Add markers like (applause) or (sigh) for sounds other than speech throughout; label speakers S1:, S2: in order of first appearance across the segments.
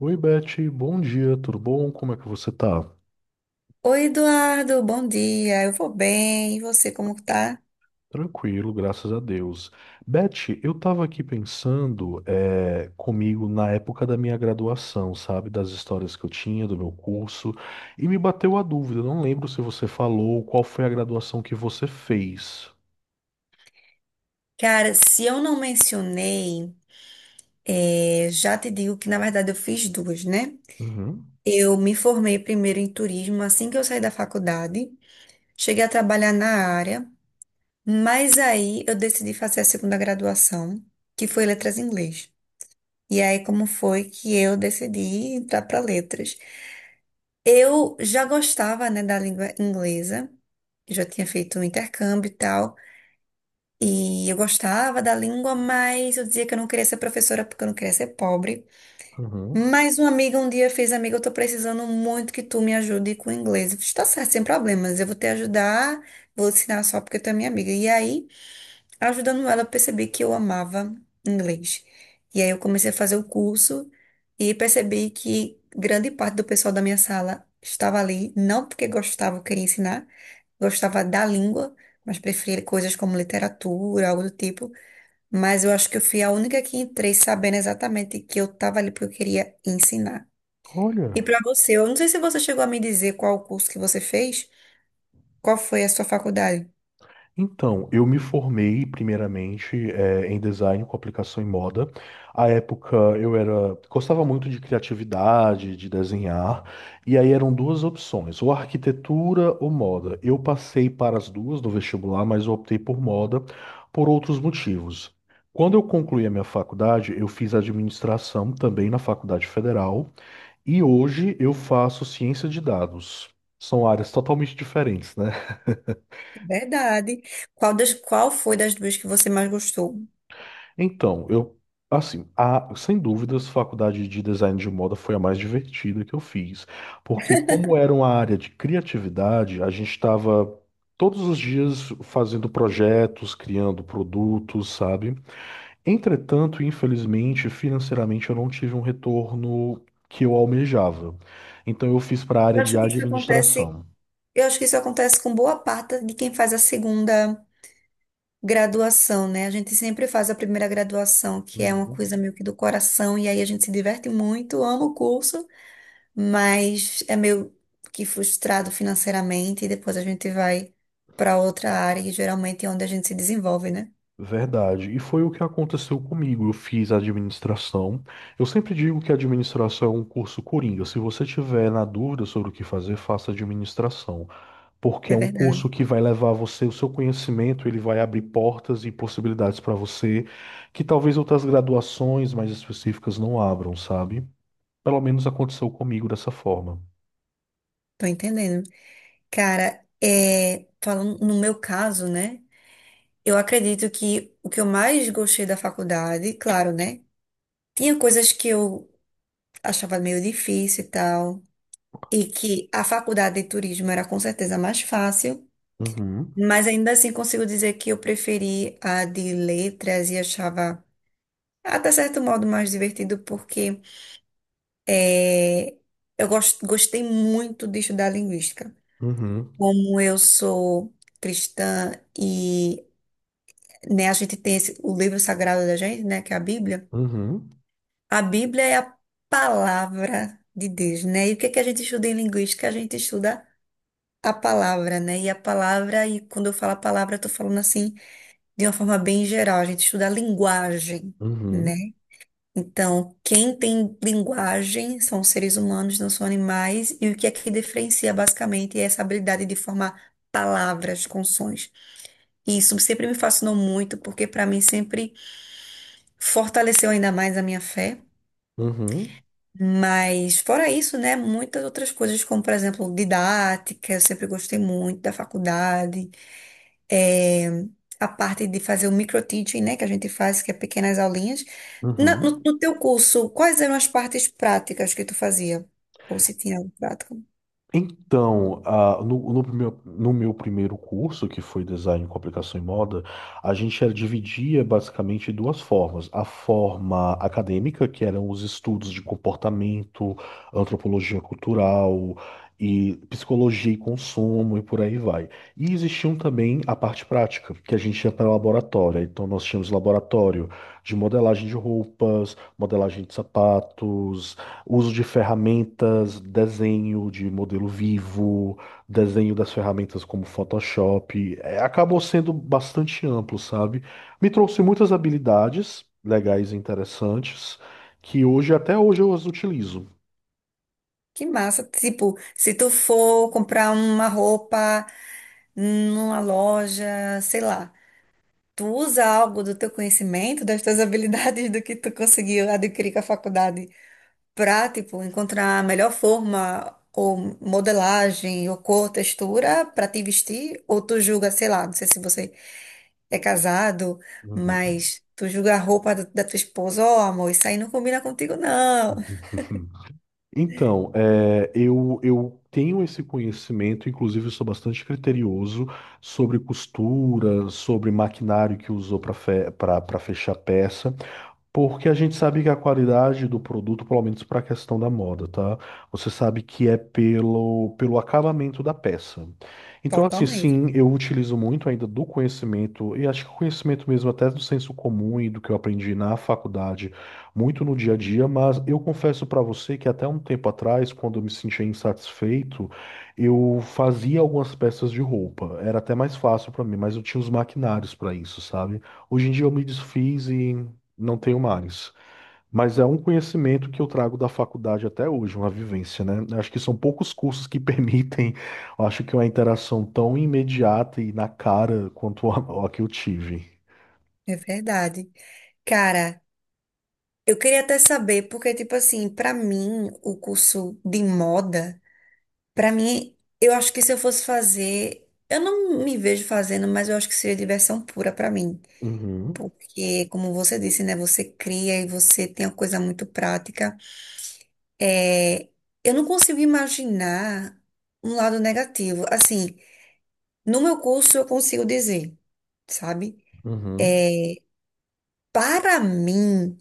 S1: Oi, Beth, bom dia, tudo bom? Como é que você tá?
S2: Oi, Eduardo, bom dia. Eu vou bem. E você, como tá?
S1: Tranquilo, graças a Deus. Beth, eu tava aqui pensando comigo na época da minha graduação, sabe? Das histórias que eu tinha, do meu curso, e me bateu a dúvida, eu não lembro se você falou qual foi a graduação que você fez.
S2: Cara, se eu não mencionei, já te digo que na verdade eu fiz duas, né?
S1: Uhum,
S2: Eu me formei primeiro em turismo assim que eu saí da faculdade. Cheguei a trabalhar na área, mas aí eu decidi fazer a segunda graduação, que foi letras em inglês. E aí, como foi que eu decidi entrar para letras? Eu já gostava, né, da língua inglesa, eu já tinha feito um intercâmbio e tal. E eu gostava da língua, mas eu dizia que eu não queria ser professora porque eu não queria ser pobre.
S1: uhum.
S2: Mas uma amiga um dia fez, amiga, eu tô precisando muito que tu me ajude com o inglês. Eu fiz, tá certo, sem problemas, eu vou te ajudar, vou ensinar só porque tu é minha amiga. E aí ajudando ela a perceber que eu amava inglês. E aí eu comecei a fazer o curso e percebi que grande parte do pessoal da minha sala estava ali, não porque gostava, ou queria ensinar, gostava da língua, mas preferia coisas como literatura, algo do tipo. Mas eu acho que eu fui a única que entrei sabendo exatamente que eu estava ali porque eu queria ensinar. E
S1: Olha.
S2: para você, eu não sei se você chegou a me dizer qual o curso que você fez, qual foi a sua faculdade.
S1: Então, eu me formei primeiramente em design com aplicação em moda. À época eu era gostava muito de criatividade, de desenhar, e aí eram duas opções, ou arquitetura ou moda. Eu passei para as duas no vestibular, mas eu optei por moda por outros motivos. Quando eu concluí a minha faculdade, eu fiz administração também na Faculdade Federal, e hoje eu faço ciência de dados. São áreas totalmente diferentes, né?
S2: Verdade. Qual, das, qual foi das duas que você mais gostou?
S1: Então, assim, a, sem dúvidas, faculdade de design de moda foi a mais divertida que eu fiz, porque como era uma área de criatividade, a gente estava todos os dias fazendo projetos, criando produtos, sabe? Entretanto, infelizmente, financeiramente, eu não tive um retorno que eu almejava. Então, eu fiz para a
S2: Eu
S1: área de
S2: acho que isso acontece,
S1: administração.
S2: eu acho que isso acontece com boa parte de quem faz a segunda graduação, né? A gente sempre faz a primeira graduação, que é uma
S1: Uhum.
S2: coisa meio que do coração, e aí a gente se diverte muito, ama o curso, mas é meio que frustrado financeiramente, e depois a gente vai para outra área, e geralmente é onde a gente se desenvolve, né?
S1: Verdade. E foi o que aconteceu comigo. Eu fiz administração. Eu sempre digo que administração é um curso coringa. Se você tiver na dúvida sobre o que fazer, faça administração, porque é
S2: É
S1: um
S2: verdade.
S1: curso que vai levar você, o seu conhecimento, ele vai abrir portas e possibilidades para você que talvez outras graduações mais específicas não abram, sabe? Pelo menos aconteceu comigo dessa forma.
S2: Tô entendendo. Cara, é, falando no meu caso, né? Eu acredito que o que eu mais gostei da faculdade, claro, né? Tinha coisas que eu achava meio difícil e tal, e que a faculdade de turismo era com certeza mais fácil,
S1: Uhum,
S2: mas ainda assim consigo dizer que eu preferi a de letras e achava até certo modo mais divertido, porque eh, eu gostei muito de estudar linguística.
S1: uhum,
S2: Como eu sou cristã e né, a gente tem o livro sagrado da gente, né, que é a Bíblia.
S1: uhum,
S2: A Bíblia é a palavra de Deus, né? E o que é que a gente estuda em linguística? A gente estuda a palavra, né? E a palavra, e quando eu falo a palavra, eu tô falando assim de uma forma bem geral. A gente estuda a linguagem, né?
S1: uhum,
S2: Então, quem tem linguagem são os seres humanos, não são animais. E o que é que diferencia basicamente é essa habilidade de formar palavras com sons. E isso sempre me fascinou muito, porque para mim sempre fortaleceu ainda mais a minha fé.
S1: uhum, uhum,
S2: Mas fora isso, né, muitas outras coisas, como por exemplo, didática, eu sempre gostei muito da faculdade, é, a parte de fazer o microteaching, né, que a gente faz, que é pequenas aulinhas. Na-
S1: uhum.
S2: no, no teu curso, quais eram as partes práticas que tu fazia? Ou se tinha algo prático?
S1: Então, ah, no meu primeiro curso, que foi Design, Comunicação e Moda, dividia basicamente em duas formas. A forma acadêmica, que eram os estudos de comportamento, antropologia cultural e psicologia e consumo e por aí vai. E existiam também a parte prática, que a gente ia para o laboratório. Então, nós tínhamos laboratório de modelagem de roupas, modelagem de sapatos. Uso de ferramentas, desenho de modelo vivo, desenho das ferramentas como Photoshop, é, acabou sendo bastante amplo, sabe? Me trouxe muitas habilidades legais e interessantes que hoje, até hoje, eu as utilizo.
S2: Que massa! Tipo, se tu for comprar uma roupa numa loja, sei lá, tu usa algo do teu conhecimento, das tuas habilidades, do que tu conseguiu adquirir com a faculdade? Para, tipo, encontrar a melhor forma ou modelagem ou cor, textura para te vestir, ou tu julga, sei lá, não sei se você é casado,
S1: Uhum.
S2: mas tu julga a roupa da, da tua esposa, ó, amor, isso aí não combina contigo, não.
S1: (laughs) Então, eu tenho esse conhecimento, inclusive eu sou bastante criterioso sobre costura, sobre maquinário que usou para fechar peça. Porque a gente sabe que a qualidade do produto, pelo menos para a questão da moda, tá? Você sabe que é pelo acabamento da peça. Então, assim,
S2: Totalmente,
S1: sim, eu utilizo muito ainda do conhecimento, e acho que o conhecimento mesmo até do senso comum e do que eu aprendi na faculdade, muito no dia a dia, mas eu confesso para você que até um tempo atrás, quando eu me sentia insatisfeito, eu fazia algumas peças de roupa. Era até mais fácil para mim, mas eu tinha os maquinários para isso, sabe? Hoje em dia eu me desfiz e. Não tenho mares. Mas é um conhecimento que eu trago da faculdade até hoje, uma vivência, né? Eu acho que são poucos cursos que (laughs) permitem, eu acho que uma interação tão imediata e na cara quanto a que eu tive.
S2: é verdade. Cara, eu queria até saber, porque, tipo assim, pra mim, o curso de moda, pra mim, eu acho que se eu fosse fazer, eu não me vejo fazendo, mas eu acho que seria diversão pura pra mim.
S1: Uhum,
S2: Porque, como você disse, né, você cria e você tem uma coisa muito prática. É, eu não consigo imaginar um lado negativo. Assim, no meu curso eu consigo dizer, sabe?
S1: uhum,
S2: Para mim,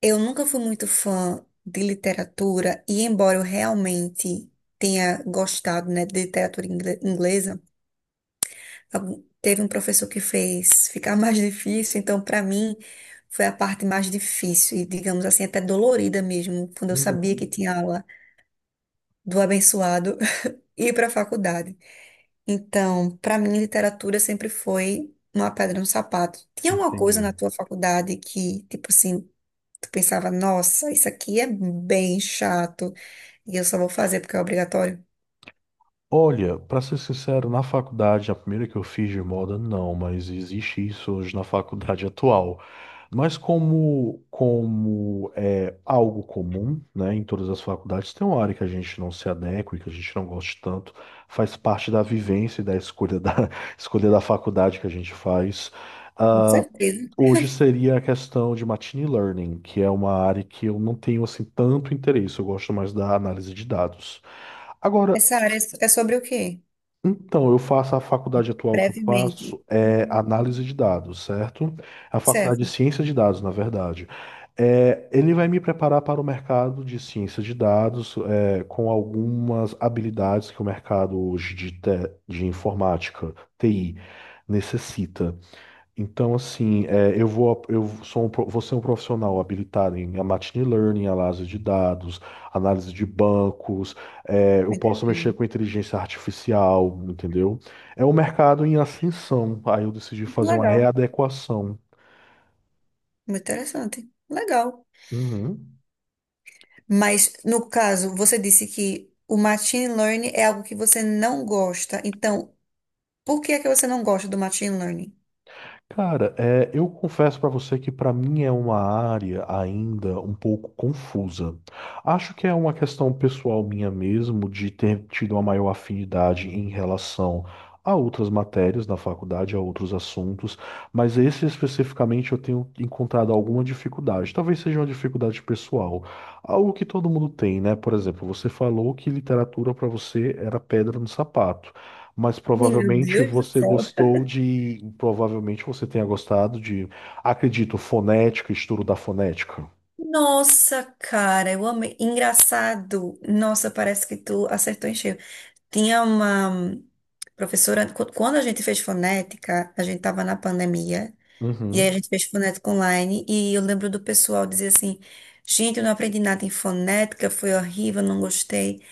S2: eu nunca fui muito fã de literatura e embora eu realmente tenha gostado, né, de literatura inglesa. Teve um professor que fez ficar mais (laughs) difícil, então para mim foi a parte mais difícil e, digamos assim, até dolorida mesmo, quando eu sabia que
S1: uhum.
S2: tinha aula do abençoado (laughs) e ir para a faculdade. Então, para mim, literatura sempre foi uma pedra no sapato. Tinha alguma coisa
S1: Entendi.
S2: na tua faculdade que, tipo assim, tu pensava, nossa, isso aqui é bem chato e eu só vou fazer porque é obrigatório?
S1: Olha, para ser sincero, na faculdade, a primeira que eu fiz de moda, não, mas existe isso hoje na faculdade (laughs) atual. Mas como é algo comum, né, em todas as faculdades, tem uma área que a gente não se adequa e que a gente não goste tanto, faz parte da vivência e da (laughs) escolha da faculdade que a gente faz.
S2: Com certeza.
S1: Hoje seria a questão de machine learning, que é uma área que eu não tenho assim tanto interesse, eu gosto mais da análise de dados. Agora,
S2: Essa área é é sobre o quê?
S1: então, eu faço a faculdade atual que eu
S2: Brevemente.
S1: faço é análise de dados, certo? A faculdade de
S2: Certo,
S1: ciência de dados, na verdade. É, ele vai me preparar para o mercado de ciência de dados, é, com algumas habilidades que o mercado hoje de, de informática, TI, necessita. Então, assim, eu sou vou ser um profissional habilitado em machine learning, análise de dados, análise de bancos, é, eu
S2: me
S1: posso mexer
S2: entendendo.
S1: com inteligência artificial, entendeu? É um mercado em ascensão, aí eu decidi
S2: Muito
S1: fazer uma
S2: legal.
S1: readequação.
S2: Muito interessante. Legal.
S1: Uhum.
S2: Mas, no caso, você disse que o machine learning é algo que você não gosta. Então, por que é que você não gosta do machine learning?
S1: Cara, é, eu confesso pra você que pra mim é uma área ainda um pouco confusa. Acho que é uma questão pessoal minha mesmo de ter tido uma maior afinidade em relação a outras matérias na faculdade, a outros assuntos, mas esse especificamente eu tenho encontrado alguma dificuldade. Talvez seja uma dificuldade pessoal, algo que todo mundo tem, né? Por exemplo, você falou que literatura pra você era pedra no sapato. Mas
S2: Ih, meu
S1: provavelmente
S2: Deus do
S1: você
S2: céu.
S1: gostou de. Provavelmente você tenha gostado de. Acredito, fonética, estudo da fonética.
S2: Nossa, cara, eu amei. Engraçado. Nossa, parece que tu acertou em cheio. Tinha uma professora, quando a gente fez fonética, a gente tava na pandemia, e aí a
S1: Uhum,
S2: gente fez fonética online, e eu lembro do pessoal dizer assim: gente, eu não aprendi nada em fonética, foi horrível, não gostei.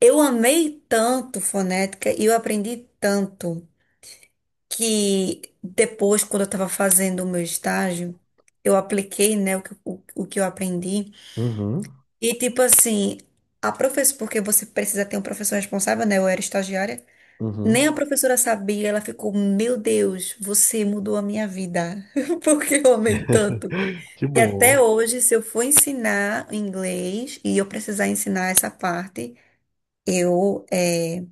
S2: Eu amei tanto fonética e eu aprendi tanto que depois, quando eu estava fazendo o meu estágio, eu apliquei, né, o que eu aprendi.
S1: uhum,
S2: E tipo assim, a professora, porque você precisa ter um professor responsável, né? Eu era estagiária. Nem
S1: uhum.
S2: a professora sabia, ela ficou, meu Deus, você mudou a minha vida, (laughs) porque eu amei tanto.
S1: (laughs) Que
S2: E até
S1: bom.
S2: hoje, se eu for ensinar inglês e eu precisar ensinar essa parte, eu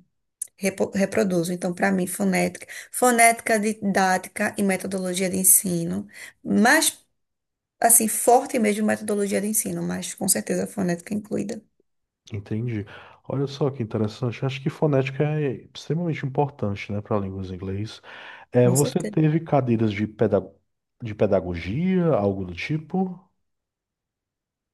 S2: reproduzo. Então, para mim, fonética, fonética didática e metodologia de ensino, mais assim, forte mesmo metodologia de ensino, mas com certeza fonética incluída.
S1: Entendi. Olha só que interessante. Acho que fonética é extremamente importante, né, para línguas em inglês. É,
S2: Com
S1: você
S2: certeza.
S1: teve cadeiras de de pedagogia, algo do tipo?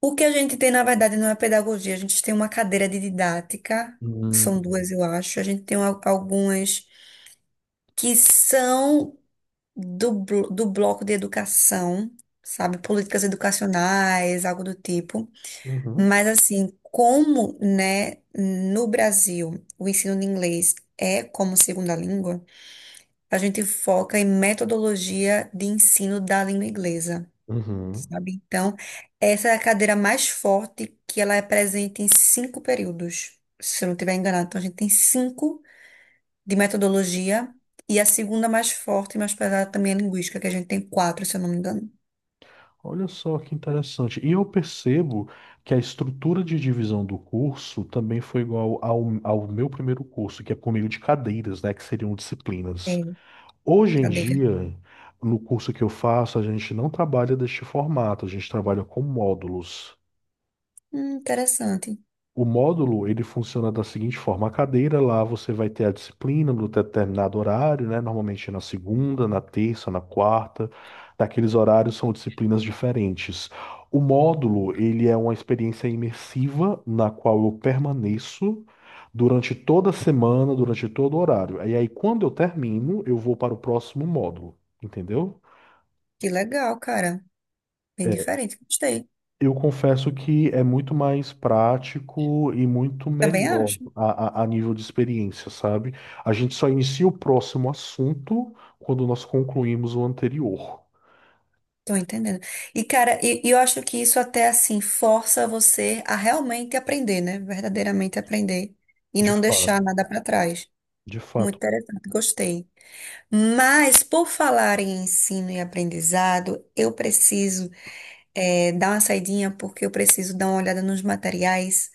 S2: O que a gente tem, na verdade, não é pedagogia, a gente tem uma cadeira de didática,
S1: Hum.
S2: são duas, eu acho. A gente tem algumas que são do bloco de educação, sabe? Políticas educacionais, algo do tipo.
S1: Uhum.
S2: Mas assim, como, né, no Brasil, o ensino de inglês é como segunda língua, a gente foca em metodologia de ensino da língua inglesa,
S1: Uhum.
S2: sabe? Então, essa é a cadeira mais forte que ela é presente em cinco períodos, se eu não estiver enganado. Então, a gente tem cinco de metodologia e a segunda mais forte e mais pesada também é linguística, que a gente tem quatro, se eu não me engano.
S1: Olha só que interessante. E eu percebo que a estrutura de divisão do curso também foi igual ao meu primeiro curso, que é por meio de cadeiras, né, que seriam disciplinas.
S2: É,
S1: Hoje em
S2: cadeira.
S1: dia, no curso que eu faço, a gente não trabalha deste formato, a gente trabalha com módulos.
S2: Interessante.
S1: O módulo, ele funciona da seguinte forma: a cadeira lá você vai ter a disciplina no determinado horário, né? Normalmente na segunda, na terça, na quarta. Naqueles horários são disciplinas diferentes. O módulo, ele é uma experiência imersiva na qual eu permaneço durante toda a semana, durante todo o horário. E aí, quando eu termino, eu vou para o próximo módulo, entendeu?
S2: Que legal, cara. Bem
S1: É,
S2: diferente. Gostei.
S1: eu confesso que é muito mais prático e muito
S2: Também
S1: melhor
S2: acho.
S1: a nível de experiência, sabe? A gente só inicia o próximo assunto quando nós concluímos o anterior.
S2: Tô entendendo. E, cara, e eu acho que isso até assim força você a realmente aprender, né? Verdadeiramente aprender. E
S1: De
S2: não deixar
S1: fato,
S2: nada para trás.
S1: de
S2: Muito
S1: fato.
S2: interessante, gostei. Mas, por falar em ensino e aprendizado, eu preciso dar uma saidinha, porque eu preciso dar uma olhada nos materiais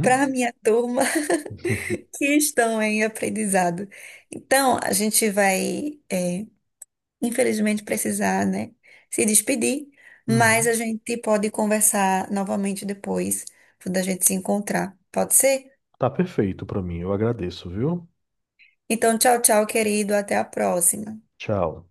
S2: para a minha turma (laughs)
S1: (laughs)
S2: que estão em aprendizado. Então, a gente vai. Infelizmente, precisar, né, se despedir, mas a
S1: Uhum.
S2: gente pode conversar novamente depois, quando a gente se encontrar. Pode ser?
S1: Tá perfeito pra mim, eu agradeço, viu?
S2: Então, tchau, tchau, querido. Até a próxima.
S1: Tchau.